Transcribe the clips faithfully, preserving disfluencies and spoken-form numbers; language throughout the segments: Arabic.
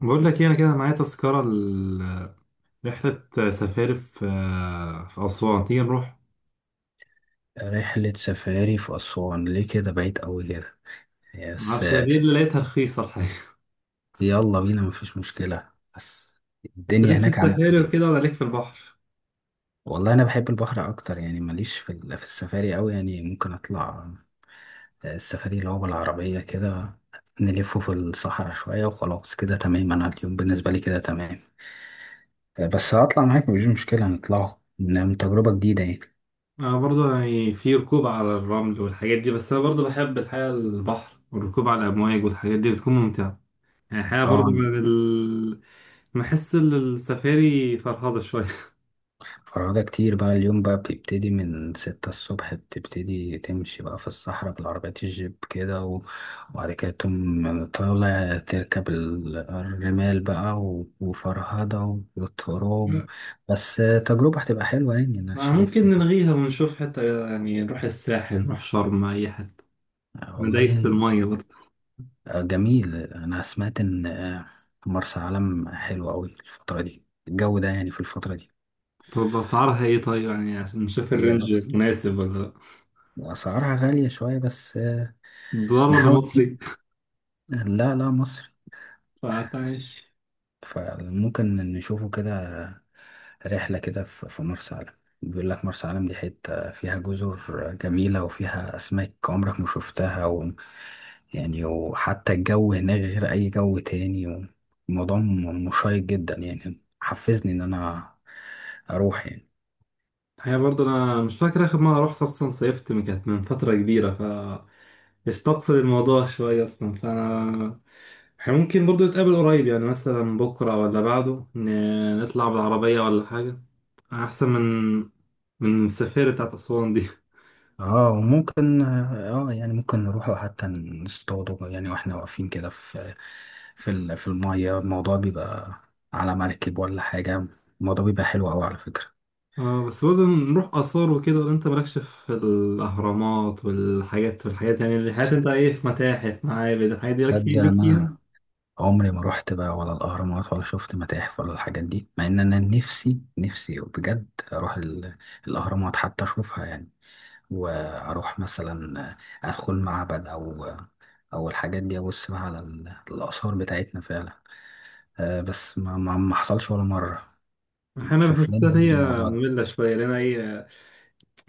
بقول لك ايه، انا كده معايا تذكرة لرحلة سفاري في في أسوان، تيجي نروح؟ رحلة سفاري في أسوان، ليه كده بعيد أوي كده؟ يس، معرفش، هي دي اللي لقيتها رخيصة الحقيقة. يلا بينا، مفيش مشكلة. بس انت الدنيا ليك في هناك عاملة السفاري وكده ايه؟ ولا ليك في البحر؟ والله أنا بحب البحر أكتر، يعني ماليش في ال- في السفاري أوي، يعني ممكن أطلع. آه، السفاري اللي هو بالعربية كده، نلفه في الصحراء شوية وخلاص، كده تمام، أنا اليوم بالنسبة لي كده تمام. بس هطلع معاك، مفيش مشكلة، نطلعه إنه تجربة جديدة يعني. انا برضو يعني في ركوب على الرمل والحاجات دي، بس انا برضو بحب الحقيقة البحر والركوب على الأمواج، والحاجات دي بتكون ممتعة. يعني الحقيقة برضو اه، من ال... بحس ان السفاري فرهضة شوية. فرهدة كتير بقى، اليوم بقى بتبتدي من ستة الصبح، بتبتدي تمشي بقى في الصحراء بالعربيات الجيب كده و- وبعد كده تقوم طالع تركب ال- الرمال بقى و- وفرهدة والتراب. بس تجربة هتبقى حلوة يعني، أنا ما ممكن شايف. نلغيها ونشوف، حتى يعني نروح الساحل، نروح شرم، أي حتة. أنا دايس في والله المية برضو. جميل، أنا سمعت إن مرسى علم حلوة أوي الفترة دي، الجو ده يعني في الفترة دي. طب اسعارها ايه طيب، يعني عشان نشوف هي الرينج أصلا مناسب ولا لا؟ أسعارها غالية شوية، بس دولار ولا نحاول مصري؟ نجيب. لا لا، مصر. فماشي. فممكن نشوفه كده، رحلة كده في في مرسى علم. بيقول لك مرسى علم دي حتة فيها جزر جميلة وفيها أسماك عمرك ما شفتها، و يعني وحتى الجو هناك غير أي جو تاني. الموضوع م- مشيق جدا، يعني حفزني إن أنا أروح يعني. هي برضه انا مش فاكر اخر مره رحت اصلا، صيفت من- كانت من فتره كبيره، ف استقصد الموضوع شويه اصلا، فانا احنا ممكن برضه نتقابل قريب، يعني مثلا بكره ولا بعده ن- نطلع بالعربيه ولا حاجه، احسن من من السفارة بتاعت اسوان دي. اه، وممكن، اه يعني ممكن نروح حتى نصطاد، يعني واحنا واقفين كده في في ال- في المية، الموضوع بيبقى على مركب ولا حاجة، الموضوع بيبقى حلو أوي على فكرة. اه بس برضه نروح آثار وكده؟ ولا أنت مالكش في الأهرامات والحاجات والحاجات، يعني الحاجات، أنت إيه في متاحف، معابد، الحاجات دي لك في- تصدق ليك إن أنا فيها؟ عمري ما روحت بقى، ولا الأهرامات ولا شفت متاحف ولا الحاجات دي، مع إن أنا نفسي نفسي بجد أروح ال- الأهرامات حتى أشوفها يعني، وأروح مثلا أدخل معبد أو أو الحاجات دي، أبص بقى على ال- الآثار بتاعتنا فعلا. آه، بس ما, ما, ما حصلش ولا مرة. أحيانا شوف بحسها لنا برضو هي الموضوع ده. مملة شوية، لأن هي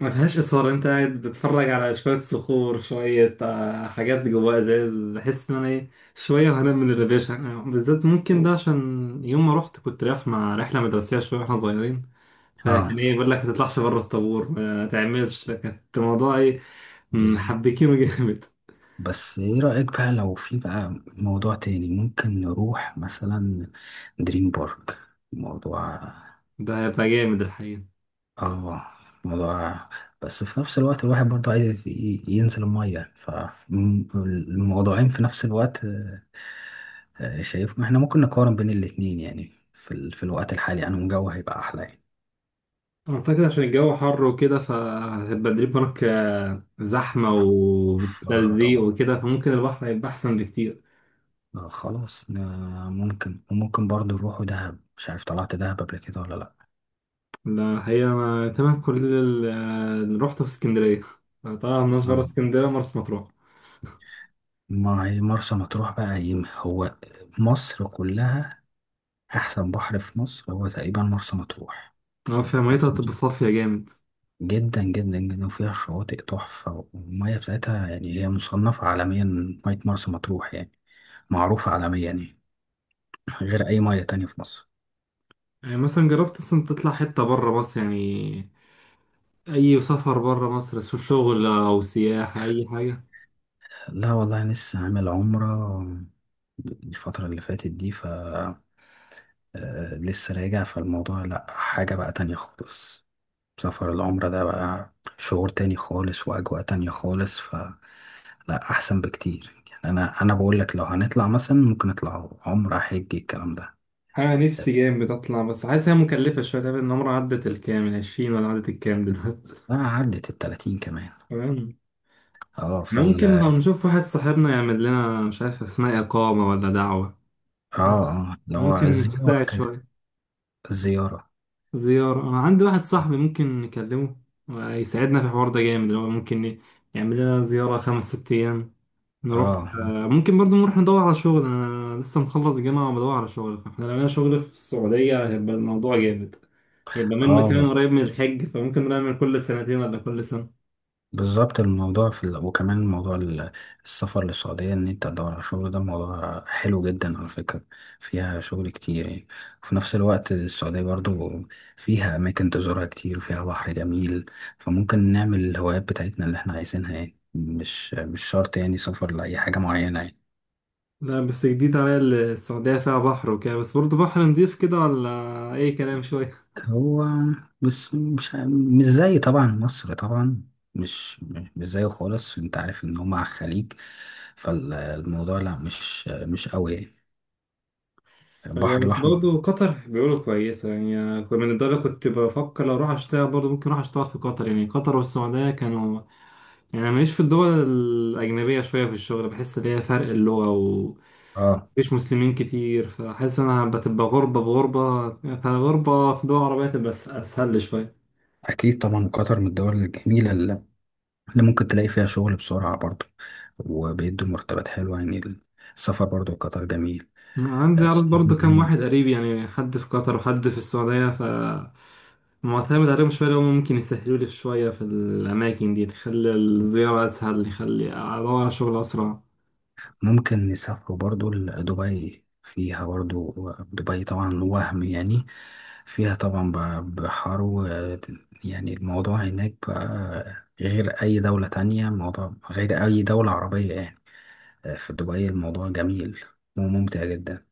ما فيهاش إثارة. أنت قاعد بتتفرج على شوية صخور، شوية آه، حاجات جواها إزاز، بحس إن أنا إيه شوية وهنام من الريفيشن. يعني بالذات ممكن ده عشان يوم ما رحت كنت رايح مع رحلة مدرسية شوية وإحنا صغيرين، اه، فكان إيه بيقول لك ما تطلعش بره الطابور، ما تعملش، كانت الموضوع إيه بالظبط. محبكينه جامد. بس ايه رأيك بقى لو في بقى موضوع تاني، ممكن نروح مثلا دريم بارك؟ موضوع. ده هيبقى جامد الحقيقة. اه، موضوع. بس في نفس الوقت، الواحد برضه عايز ي- ينزل المية فالموضوعين في نفس الوقت. آه، آه، شايف، ما احنا ممكن نقارن بين الاتنين، يعني في, ال... في الوقت الحالي انا الجو هيبقى احلى يعني. أعتقد عشان الجو حر وكده فهتبقى دريب هناك، آه، زحمة فرهضة وتلزيق بقى. وكده، فممكن البحر هيبقى أحسن بكتير. آه خلاص، آه ممكن، وممكن برضه نروحوا دهب، مش عارف طلعت دهب قبل كده ولا لأ. لا الحقيقة أنا تمام، كل ال- آه، اللي روحته في اسكندرية، طبعا مش برا آه. اسكندرية، مرسى مطروح. ما هي مرسى مطروح بقى، هي هو مصر كلها. أحسن بحر في مصر هو تقريبا مرسى مطروح. أه فيها ميتها مرسى هتبقى مطروح صافية جامد. جدا جدا جدا، وفيها شواطئ تحفة، والمية بتاعتها يعني هي مصنفة عالميا. مية مرسى مطروح يعني معروفة عالميا يعني، غير أي مية تانية في مصر. يعني مثلا جربت أصلا تطلع حتة برا مصر يعني؟ أي سفر برا مصر، سواء شغل أو سياحة، أي حاجة. لا والله، لسه عامل عمرة الفترة اللي فاتت دي، ف آه، لسه راجع، فالموضوع لأ، حاجة بقى تانية خالص. سفر العمرة ده بقى شعور تاني خالص، وأجواء تانية خالص، فلا أحسن بكتير يعني. أنا أنا بقول لك لو هنطلع مثلا، ممكن نطلع عمرة، حج، الكلام ده. انا نفسي جامد اطلع، بس حاسس هي مكلفه شويه. تقريبا النمره عدت الكام، العشرين ولا عدت الكام دلوقتي؟ لا، عدت التلاتين كمان. تمام. اه إحنا فال ممكن لو اه نشوف واحد صاحبنا يعمل لنا، مش عارف اسمها اقامه ولا دعوه، اه، اللي هو ممكن الزيارة تساعد كده. شويه. الزيارة. زياره، انا عندي واحد صاحبي ممكن نكلمه يساعدنا في الحوار ده جامد، اللي هو ممكن يعمل لنا زياره خمس ست ايام، نروح اه، آه، ممكن برضو نروح ندور على شغل. انا لسه مخلص جامعة وبدور على شغل، فاحنا لو لقينا شغل في السعودية هيبقى الموضوع جامد. هيبقى منه كمان اه، قريب من الحج، فممكن نعمل كل سنتين ولا كل سنة. بالظبط. الموضوع في ال... وكمان موضوع ال- السفر للسعودية، إن أنت تدور على شغل ده موضوع حلو جدا على فكرة. فيها شغل كتير يعني، وفي نفس الوقت السعودية برضو فيها أماكن تزورها كتير وفيها بحر جميل. فممكن نعمل الهوايات بتاعتنا اللي إحنا عايزينها، يعني مش مش شرط يعني سفر لأي حاجة معينة يعني. لا بس جديد عليا، السعودية فيها بحر وكده؟ بس برضو بحر نضيف كده ولا أي كلام شوية؟ هو، بس مش مش زي طبعا مصر، طبعا مش مش زيه خالص. أنت عارف إن هما على الخليج، فالموضوع لا، مش مش قوي يعني. هي البحر بس الأحمر. برضه قطر بيقولوا كويسة، يعني كنت- من الدولة كنت بفكر لو أروح أشتغل، برضه ممكن أروح أشتغل في قطر. يعني قطر والسعودية كانوا، يعني أنا ماليش في الدول الأجنبية شوية في الشغل، بحس إن هي فرق اللغة، اه، مفيش مسلمين كتير، فحاسس انا بتبقى غربة بغربة. فغربة في دول عربية تبقى أس- اسهل لي شوية. أكيد طبعا قطر من الدول الجميلة اللي اللي ممكن تلاقي فيها شغل بسرعة برضو، وبيدوا مرتبات حلوة يعني. السفر برضو لقطر جميل، عندي عرض بس برضه كام يعني واحد قريب، يعني حد في قطر وحد في السعودية، ف معتمد عليهم شوية، اللي هم ممكن يسهلوا لي شوية في الأماكن دي، تخلي الزيارة أسهل، يخلي أدور على شغل أسرع. ممكن نسافروا برضو لدبي، فيها برضو، دبي طبعا، وهم يعني فيها طبعا ب- بحر و- يعني الموضوع هناك بقى غير أي دولة تانية، الموضوع غير أي دولة عربية يعني. في دبي الموضوع جميل وممتع جدا.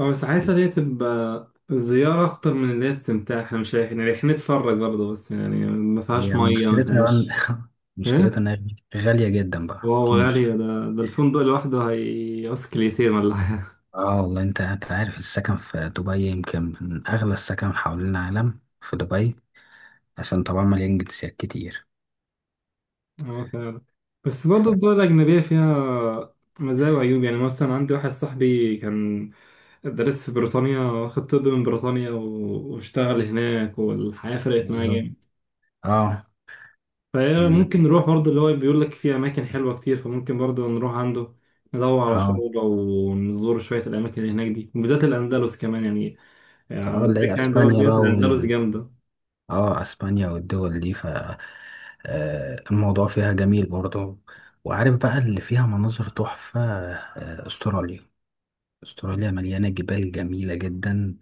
أو بس عايز اللي هي تبقى الزيارة أخطر من اللي هي استمتاع، احنا مش رايحين، رايحين نتفرج برضه بس، يعني ما فيهاش هي مية، ما مشكلتها بقى- فيهاش إن- مشكلتها إيه؟ انها غالية جدا بقى، واو دي غالي المشكلة. ده. ده الفندق لوحده هيقص كليتين ولا حاجة. اه والله، انت انت عارف السكن في دبي يمكن من اغلى السكن حوالين العالم في دبي، عشان طبعا مليان جنسيات كتير، اه فعلا. بس برضه ف الدول الأجنبية فيها مزايا وعيوب. يعني مثلا عندي واحد صاحبي كان درس في بريطانيا، واخد طب من بريطانيا و- واشتغل هناك، والحياة فرقت معاه بالظبط. جامد. اه، فهي ال- ممكن نروح برضه، اللي هو بيقول لك في أماكن حلوة كتير، فممكن برضه نروح عنده ندور على اه، شغل ونزور شوية الأماكن اللي هناك دي، وبالذات الأندلس كمان يعني. اه، على اللي ذكر هي يعني دول اسبانيا جت بقى، الأندلس وال جامدة. اه اسبانيا والدول دي، ف آه، الموضوع فيها جميل برضه، وعارف بقى اللي فيها مناظر تحفة. آه، استراليا. استراليا مليانة جبال جميلة جدا،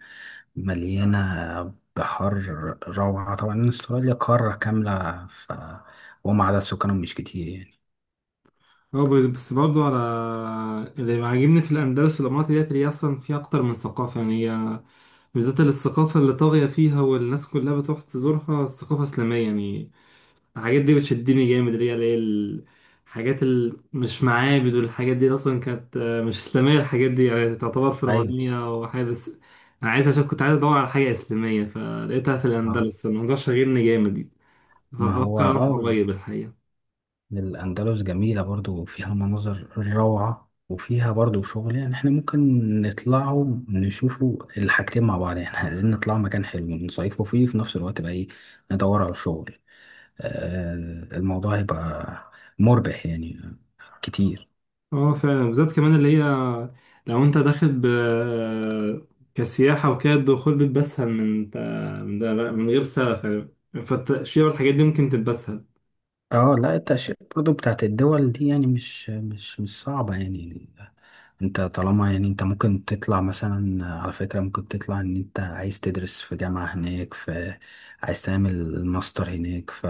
مليانة بحر، روعة طبعا. استراليا قارة كاملة، ف وما عدد سكانهم مش كتير يعني. هو بس بس برضه، على اللي عاجبني في الأندلس والإمارات ديت، اللي هي أصلا فيها أكتر من ثقافة. يعني هي بالذات الثقافة اللي طاغية فيها والناس كلها بتروح تزورها الثقافة الإسلامية يعني. الحاجات دي بتشدني جامد، اللي هي اللي هي الحاجات اللي مش معابد، والحاجات دي أصلا كانت آه، مش إسلامية. الحاجات دي يعني تعتبر أيوة. فرعونية وحاجة بس، أنا عايز، عشان كنت عايز أدور على حاجة إسلامية فلقيتها في اه، الأندلس، الموضوع شاغلني جامد، ما هو فبفكر أروح اه قريب الحقيقة. الأندلس جميلة برضو، وفيها مناظر روعة وفيها برضو شغل، يعني احنا ممكن نطلعوا نشوفوا الحاجتين مع بعض يعني عايزين نطلع مكان حلو نصيفوا فيه في نفس الوقت بقى، ايه ندور على شغل، آه الموضوع هيبقى مربح يعني كتير. اه فعلا، بالذات كمان اللي هي لو انت داخل ب... كسياحة وكده، الدخول بيبقى اسهل من من ده بقى، من غير سلف يعني، فالتأشيرة والحاجات دي ممكن تبقى اسهل. اه، لا، التأشيرة برضو بتاعت الدول دي يعني مش مش مش صعبة يعني. انت طالما يعني، انت ممكن تطلع مثلا، على فكرة ممكن تطلع ان انت عايز تدرس في جامعة هناك، في عايز تعمل ماستر هناك، ف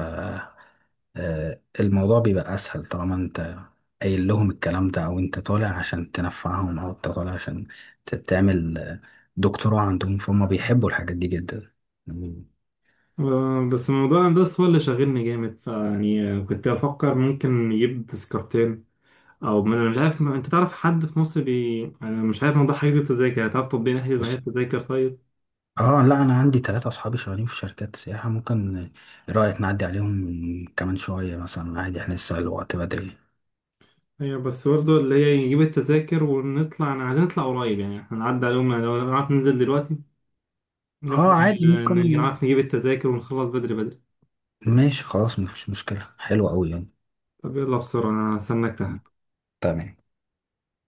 آه، الموضوع بيبقى اسهل طالما انت قايل لهم الكلام ده، او انت طالع عشان تنفعهم، او انت طالع عشان ت- تعمل آه، دكتوراه عندهم، فهم بيحبوا الحاجات دي جدا يعني. آه، بس موضوع الهندسة هو اللي شاغلني جامد، فيعني كنت بفكر ممكن نجيب تذكرتين، او ما انا مش عارف، ما انت تعرف حد في مصر بي، انا مش عارف موضوع حجز التذاكر، يعني تعرف تطبيق نحجز معايا التذاكر طيب؟ اه، لا، انا عندي ثلاثة اصحابي شغالين في شركات سياحة، ممكن ايه رأيك نعدي عليهم كمان شوية مثلا؟ عادي، احنا لسه الوقت بدري. ايوه بس برضه اللي هي نجيب التذاكر ونطلع، انا عايزين نطلع قريب، يعني احنا نعدي عليهم، يعني لو نعرف ننزل دلوقتي نروح اه، عادي، ن- ممكن. نعرف نجيب التذاكر ونخلص بدري بدري. ماشي، خلاص، مفيش مشكلة، حلوة قوي يعني. طب يلا بسرعة، أنا هستناك تحت. تمام.